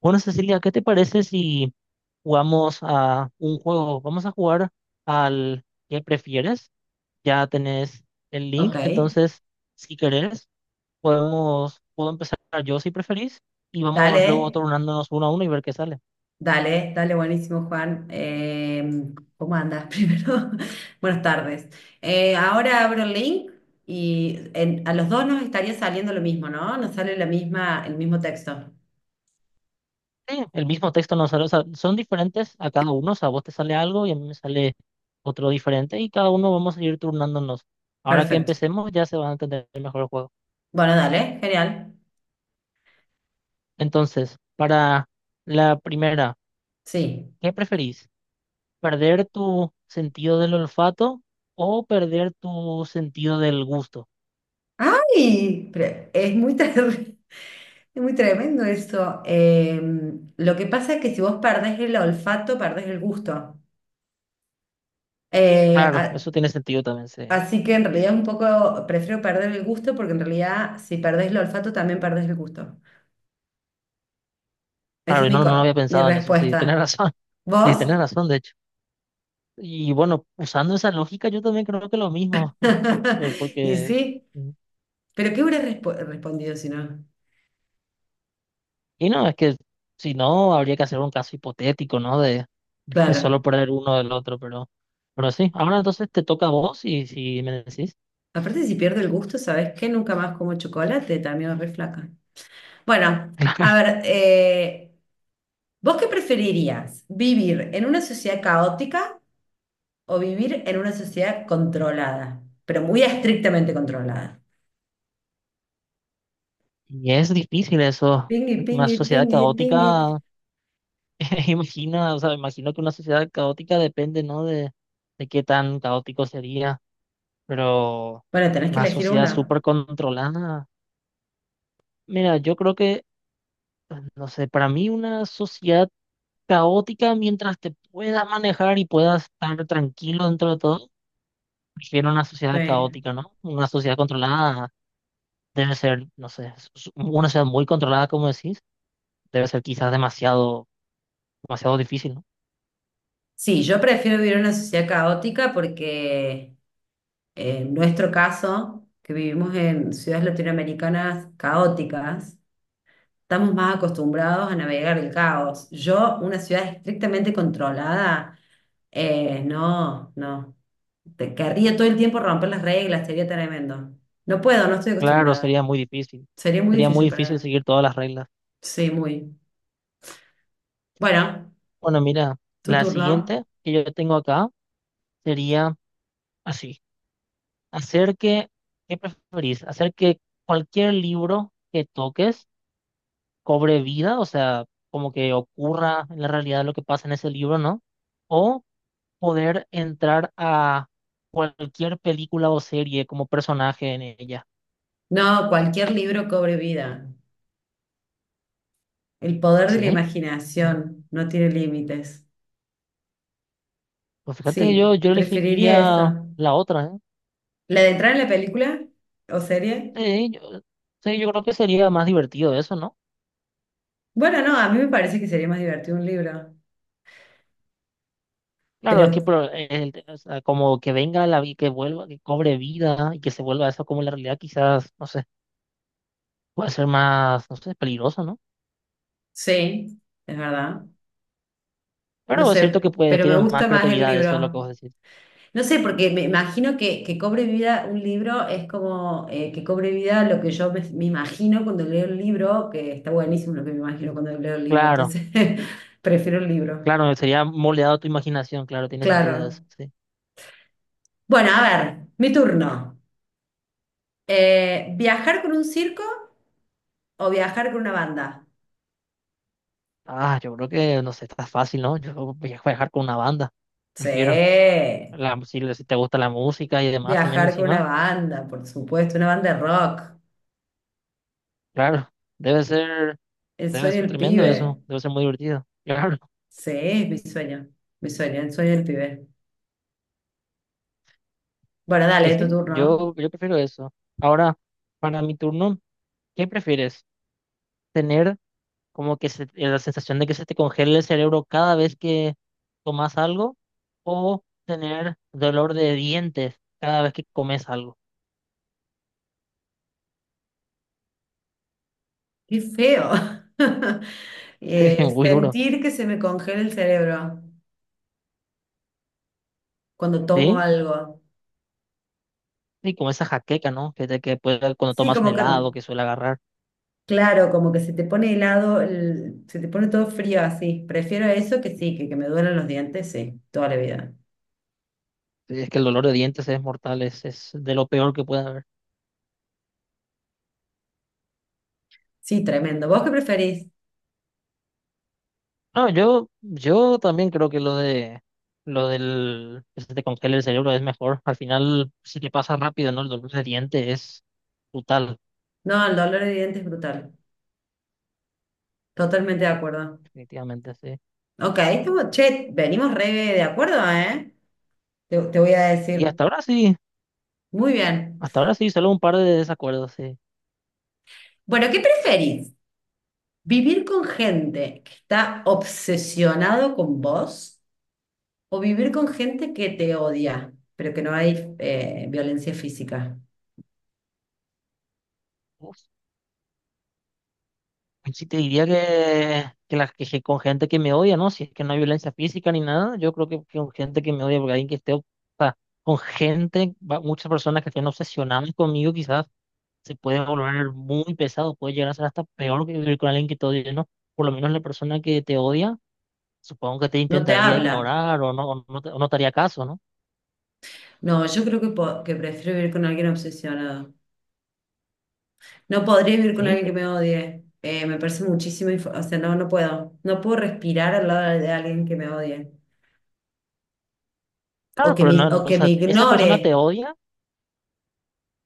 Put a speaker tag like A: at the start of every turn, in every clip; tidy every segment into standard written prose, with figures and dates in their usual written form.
A: Bueno, Cecilia, ¿qué te parece si jugamos a un juego? Vamos a jugar al que prefieres. Ya tenés el
B: Ok,
A: link, entonces, si querés, puedo empezar yo si preferís y vamos luego
B: dale,
A: turnándonos uno a uno y ver qué sale.
B: dale, dale, buenísimo, Juan. ¿Cómo andas primero? Buenas tardes. Ahora abro el link y a los dos nos estaría saliendo lo mismo, ¿no? Nos sale la misma, el mismo texto.
A: Sí, el mismo texto nos sale, o sea, son diferentes a cada uno, o sea, a vos te sale algo y a mí me sale otro diferente y cada uno vamos a ir turnándonos. Ahora que
B: Perfecto.
A: empecemos ya se va a entender mejor el juego.
B: Bueno, dale, genial.
A: Entonces, para la primera,
B: Sí.
A: ¿qué preferís? ¿Perder tu sentido del olfato o perder tu sentido del gusto?
B: ¡Ay! Pero es muy, es muy tremendo eso. Lo que pasa es que si vos perdés el olfato, perdés el gusto. Eh,
A: Claro,
B: a-
A: eso tiene sentido también, sí.
B: Así que en realidad es un poco, prefiero perder el gusto porque en realidad si perdés el olfato también perdés el gusto. Esa
A: Claro,
B: es
A: y
B: mi,
A: no, no había
B: mi
A: pensado en eso, sí, tenés
B: respuesta.
A: razón, sí,
B: ¿Vos?
A: tenés razón, de hecho. Y bueno, usando esa lógica, yo también creo que lo mismo, pues
B: Y
A: porque,
B: sí,
A: mm,
B: pero ¿qué hubieras respondido si no?
A: y no, es que si no, habría que hacer un caso hipotético, ¿no? De, de solo
B: Claro.
A: perder uno del otro, pero sí, ahora entonces te toca a vos y si me decís.
B: Aparte, si pierdo el gusto, ¿sabes qué? Nunca más como chocolate, también es re flaca. Bueno, a
A: Claro.
B: ver, ¿vos qué preferirías? ¿Vivir en una sociedad caótica o vivir en una sociedad controlada, pero muy estrictamente controlada?
A: Y es difícil eso,
B: Pingui,
A: una
B: pingui,
A: sociedad
B: pingui, pingui.
A: caótica. Imagina, o sea, imagino que una sociedad caótica depende, ¿no? De qué tan caótico sería, pero
B: Bueno, tenés que
A: una
B: elegir
A: sociedad
B: una.
A: súper controlada. Mira, yo creo que, no sé, para mí una sociedad caótica, mientras te puedas manejar y puedas estar tranquilo dentro de todo, prefiero una sociedad
B: Sí.
A: caótica, ¿no? Una sociedad controlada debe ser, no sé, una sociedad muy controlada, como decís, debe ser quizás demasiado, demasiado difícil, ¿no?
B: Sí, yo prefiero vivir en una sociedad caótica porque en nuestro caso, que vivimos en ciudades latinoamericanas caóticas, estamos más acostumbrados a navegar el caos. Yo, una ciudad estrictamente controlada, no, no. Te querría todo el tiempo romper las reglas, sería tremendo. No puedo, no estoy
A: Claro,
B: acostumbrada.
A: sería muy difícil.
B: Sería muy
A: Sería muy
B: difícil para mí.
A: difícil seguir todas las reglas.
B: Sí, muy. Bueno.
A: Bueno, mira,
B: ¿Tu
A: la
B: turno?
A: siguiente que yo tengo acá sería así, hacer que, ¿qué preferís? Hacer que cualquier libro que toques cobre vida, o sea, como que ocurra en la realidad lo que pasa en ese libro, ¿no? O poder entrar a cualquier película o serie como personaje en ella.
B: No, cualquier libro cobre vida. El poder de la
A: Sí. Mm,
B: imaginación no tiene límites.
A: pues fíjate que
B: Sí,
A: yo
B: preferiría
A: elegiría
B: eso.
A: la otra, ¿eh?
B: ¿La de entrar en la película o serie?
A: Sí, yo, sí, yo creo que sería más divertido eso, ¿no?
B: Bueno, no, a mí me parece que sería más divertido un libro.
A: Claro,
B: Pero
A: es que pero, o sea, como que venga que vuelva, que cobre vida y que se vuelva eso como la realidad, quizás, no sé, puede ser más, no sé, peligroso, ¿no?
B: sí, es verdad. No
A: Pero es cierto que
B: sé,
A: puedes
B: pero me
A: tener más
B: gusta más el
A: creatividad, eso es lo que
B: libro.
A: vos decís.
B: No sé, porque me imagino que cobre vida un libro es como que cobre vida lo que yo me, me imagino cuando leo el libro, que está buenísimo lo que me imagino cuando leo el libro,
A: Claro,
B: entonces prefiero el libro.
A: claro, sería moldeado tu imaginación, claro, tiene sentido
B: Claro.
A: eso, sí.
B: Bueno, a ver, mi turno. ¿Viajar con un circo o viajar con una banda?
A: Ah, yo creo que, no sé, está fácil, ¿no? Yo voy a viajar con una banda,
B: Sí,
A: prefiero. La, si, si te gusta la música y demás también
B: viajar con una
A: encima,
B: banda, por supuesto, una banda de rock.
A: claro, debe ser,
B: El
A: debe
B: sueño
A: ser
B: del
A: tremendo eso,
B: pibe.
A: debe ser muy divertido. Claro.
B: Sí, es mi sueño, el sueño del pibe. Bueno,
A: Y
B: dale, tu
A: sí,
B: turno.
A: yo prefiero eso. Ahora, para mi turno, ¿qué prefieres? ¿Tener como la sensación de que se te congela el cerebro cada vez que tomas algo? ¿O tener dolor de dientes cada vez que comes algo?
B: Qué feo.
A: Sí, muy duro.
B: Sentir que se me congela el cerebro cuando tomo
A: ¿Sí?
B: algo.
A: Sí, como esa jaqueca, ¿no? Que, que puede, cuando
B: Sí,
A: tomas un
B: como que,
A: helado que suele agarrar.
B: claro, como que se te pone helado, el- se te pone todo frío así. Prefiero eso que sí, que me duelen los dientes, sí, toda la vida.
A: Sí, es que el dolor de dientes es mortal, es de lo peor que puede haber.
B: Sí, tremendo. ¿Vos qué preferís?
A: No, yo también creo que lo de lo del que se te congela el cerebro es mejor. Al final, si te pasa rápido, ¿no? El dolor de diente es brutal,
B: No, el dolor de dientes es brutal. Totalmente de acuerdo.
A: definitivamente, sí.
B: Ok, estamos, che, venimos re de acuerdo, ¿eh? Te voy a
A: Y
B: decir. Muy bien.
A: hasta ahora sí, solo un par de desacuerdos, sí.
B: Bueno, ¿qué preferís? ¿Vivir con gente que está obsesionado con vos o vivir con gente que te odia, pero que no hay violencia física?
A: Uf, pues sí te diría que las quejé con gente que me odia, ¿no? Si es que no hay violencia física ni nada, yo creo que con gente que me odia, porque alguien que esté, o sea, con gente, muchas personas que estén obsesionadas conmigo, quizás, se puede volver muy pesado, puede llegar a ser hasta peor que vivir con alguien que te odia, ¿no? Por lo menos la persona que te odia, supongo que te
B: No te
A: intentaría
B: habla.
A: ignorar o no te haría caso, ¿no?
B: No, yo creo que, que prefiero vivir con alguien obsesionado. No podría vivir con
A: Sí,
B: alguien que
A: pero,
B: me odie. Me parece muchísimo, o sea, no, no puedo. No puedo respirar al lado de alguien que me odie
A: claro, pero no,
B: o
A: no, o
B: que me
A: sea, esa
B: ignore.
A: persona te odia,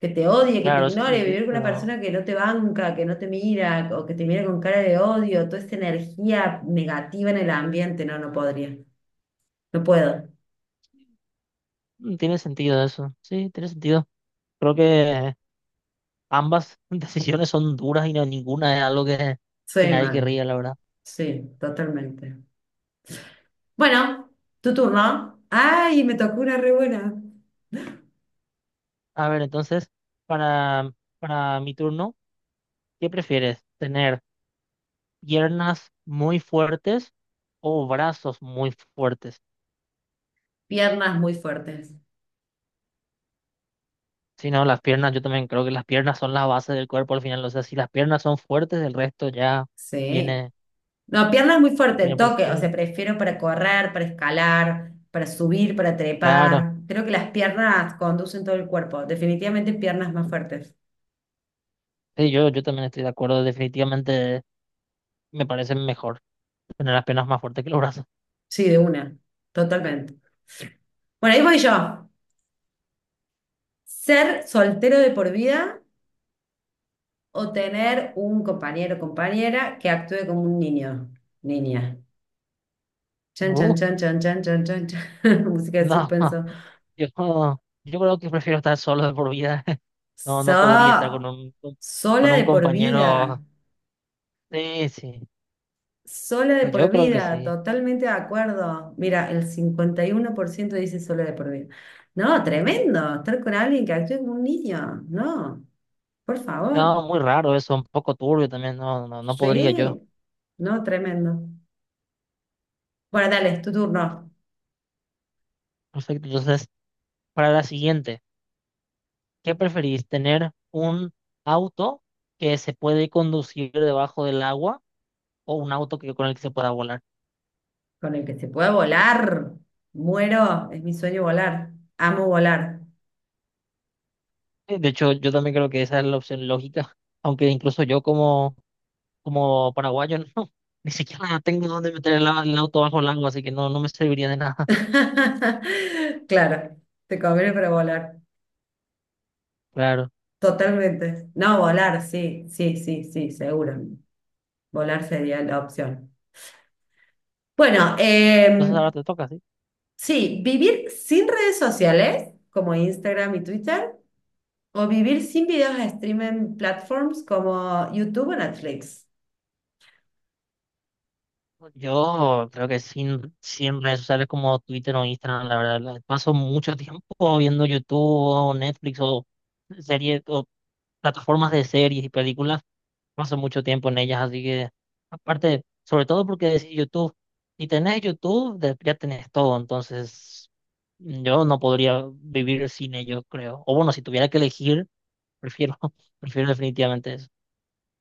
B: Que te odie, que te
A: claro, eso sí,
B: ignore, vivir con una
A: pero
B: persona que no te banca, que no te mira, o que te mira con cara de odio, toda esta energía negativa en el ambiente, no, no podría, no puedo,
A: tiene sentido eso, sí, tiene sentido. Creo que ambas decisiones son duras y no, ninguna es algo que
B: soy
A: nadie
B: mal,
A: querría, la verdad.
B: sí, totalmente. Bueno, tu turno. Ay, me tocó una re buena.
A: A ver, entonces, para, para mi turno, ¿qué prefieres? ¿Tener piernas muy fuertes o brazos muy fuertes?
B: Piernas muy fuertes.
A: Si no, las piernas, yo también creo que las piernas son la base del cuerpo al final. O sea, si las piernas son fuertes, el resto ya
B: Sí.
A: viene,
B: No, piernas muy fuertes, el
A: viene por sí
B: toque. O
A: solo.
B: sea, prefiero para correr, para escalar, para subir, para
A: Claro,
B: trepar. Creo que las piernas conducen todo el cuerpo. Definitivamente piernas más fuertes.
A: sí, yo también estoy de acuerdo. Definitivamente me parece mejor tener las piernas más fuertes que los brazos.
B: Sí, de una, totalmente. Bueno, ahí voy yo. ¿Ser soltero de por vida o tener un compañero o compañera que actúe como un niño? Niña. Chan, chan,
A: Uh,
B: chan, chan, chan, chan, chan, chan. Música de
A: no,
B: suspenso.
A: yo, yo creo que prefiero estar solo de por vida. No, no podría estar
B: So, sola
A: con un
B: de por vida.
A: compañero. Sí,
B: Sola de por
A: yo creo que
B: vida.
A: sí.
B: Totalmente de acuerdo. Mira, el 51% dice sola de por vida. No, tremendo. Estar con alguien que actúe como un niño. No, por favor.
A: No, muy raro eso, un poco turbio también, no, no, no podría
B: Sí,
A: yo.
B: no, tremendo. Bueno, dale, es tu turno.
A: Perfecto, entonces, para la siguiente, ¿qué preferís? ¿Tener un auto que se puede conducir debajo del agua o un auto que, con el que se pueda volar?
B: Con el que se puede volar. Muero, es mi sueño volar. Amo volar.
A: De hecho, yo también creo que esa es la opción lógica, aunque incluso yo como, como paraguayo, no, ni siquiera tengo dónde meter el auto bajo el agua, así que no, no me serviría de nada.
B: Claro, te conviene para volar.
A: Claro,
B: Totalmente. No, volar, sí, sí, sí, sí, seguro. Volar sería la opción. Bueno,
A: entonces ahora te toca, ¿sí?
B: sí, vivir sin redes sociales como Instagram y Twitter o vivir sin videos a streaming platforms como YouTube o Netflix.
A: Yo creo que sin, sin redes sociales como Twitter o Instagram, la verdad, paso mucho tiempo viendo YouTube o Netflix o series o plataformas de series y películas, paso mucho tiempo en ellas, así que aparte, sobre todo porque decís YouTube, si tenés YouTube, ya tenés todo, entonces yo no podría vivir sin ello, creo. O bueno, si tuviera que elegir, prefiero, prefiero definitivamente eso.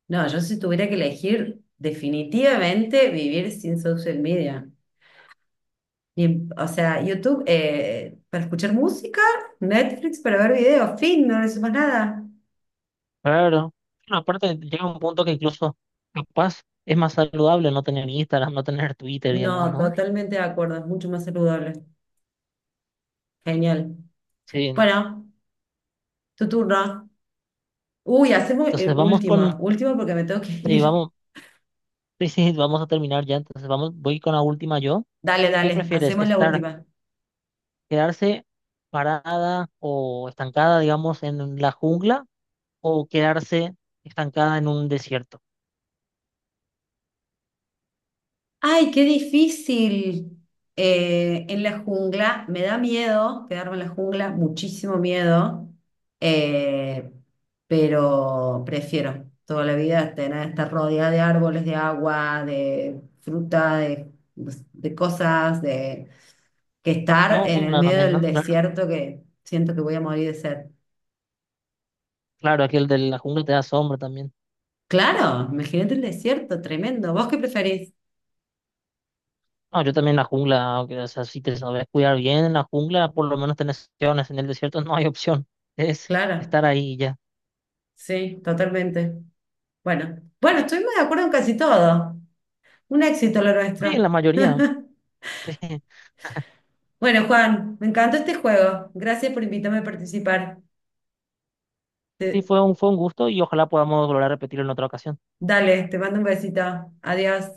B: No, yo si tuviera que elegir, definitivamente vivir sin social media. Ni o sea, YouTube para escuchar música, Netflix para ver videos, fin, no necesito más nada.
A: Claro. Bueno, aparte llega un punto que incluso capaz es más saludable no tener Instagram, no tener Twitter y demás,
B: No,
A: ¿no?
B: totalmente de acuerdo, es mucho más saludable. Genial.
A: Sí.
B: Bueno, tu turno. Uy, hacemos
A: Entonces vamos con,
B: última, última porque me tengo que
A: sí,
B: ir.
A: vamos, sí, sí, vamos a terminar ya. Entonces vamos, voy con la última yo.
B: Dale,
A: ¿Qué
B: dale,
A: prefieres?
B: hacemos la
A: ¿Estar,
B: última.
A: quedarse parada o estancada, digamos, en la jungla o quedarse estancada en un desierto?
B: Ay, qué difícil. En la jungla, me da miedo quedarme en la jungla, muchísimo miedo, Eh, pero prefiero toda la vida tener, estar rodeada de árboles, de agua, de fruta, de, pues, de cosas, de, que estar en el
A: Sombra
B: medio
A: también,
B: del
A: ¿no? Claro,
B: desierto que siento que voy a morir de sed.
A: claro, aquel de la jungla te da sombra también.
B: Claro, imagínate el desierto, tremendo. ¿Vos qué preferís?
A: No, yo también en la jungla, aunque, o sea, si te sabes cuidar bien en la jungla, por lo menos tenés opciones. En el desierto no hay opción. Es
B: Claro,
A: estar ahí y ya.
B: sí, totalmente. Bueno, bueno, estuvimos de acuerdo en casi todo. Un éxito lo
A: Sí, en
B: nuestro.
A: la mayoría.
B: Bueno, Juan, me encantó este juego. Gracias por invitarme a participar.
A: Sí,
B: Te-
A: fue un gusto y ojalá podamos volver a repetirlo en otra ocasión.
B: dale, te mando un besito. Adiós.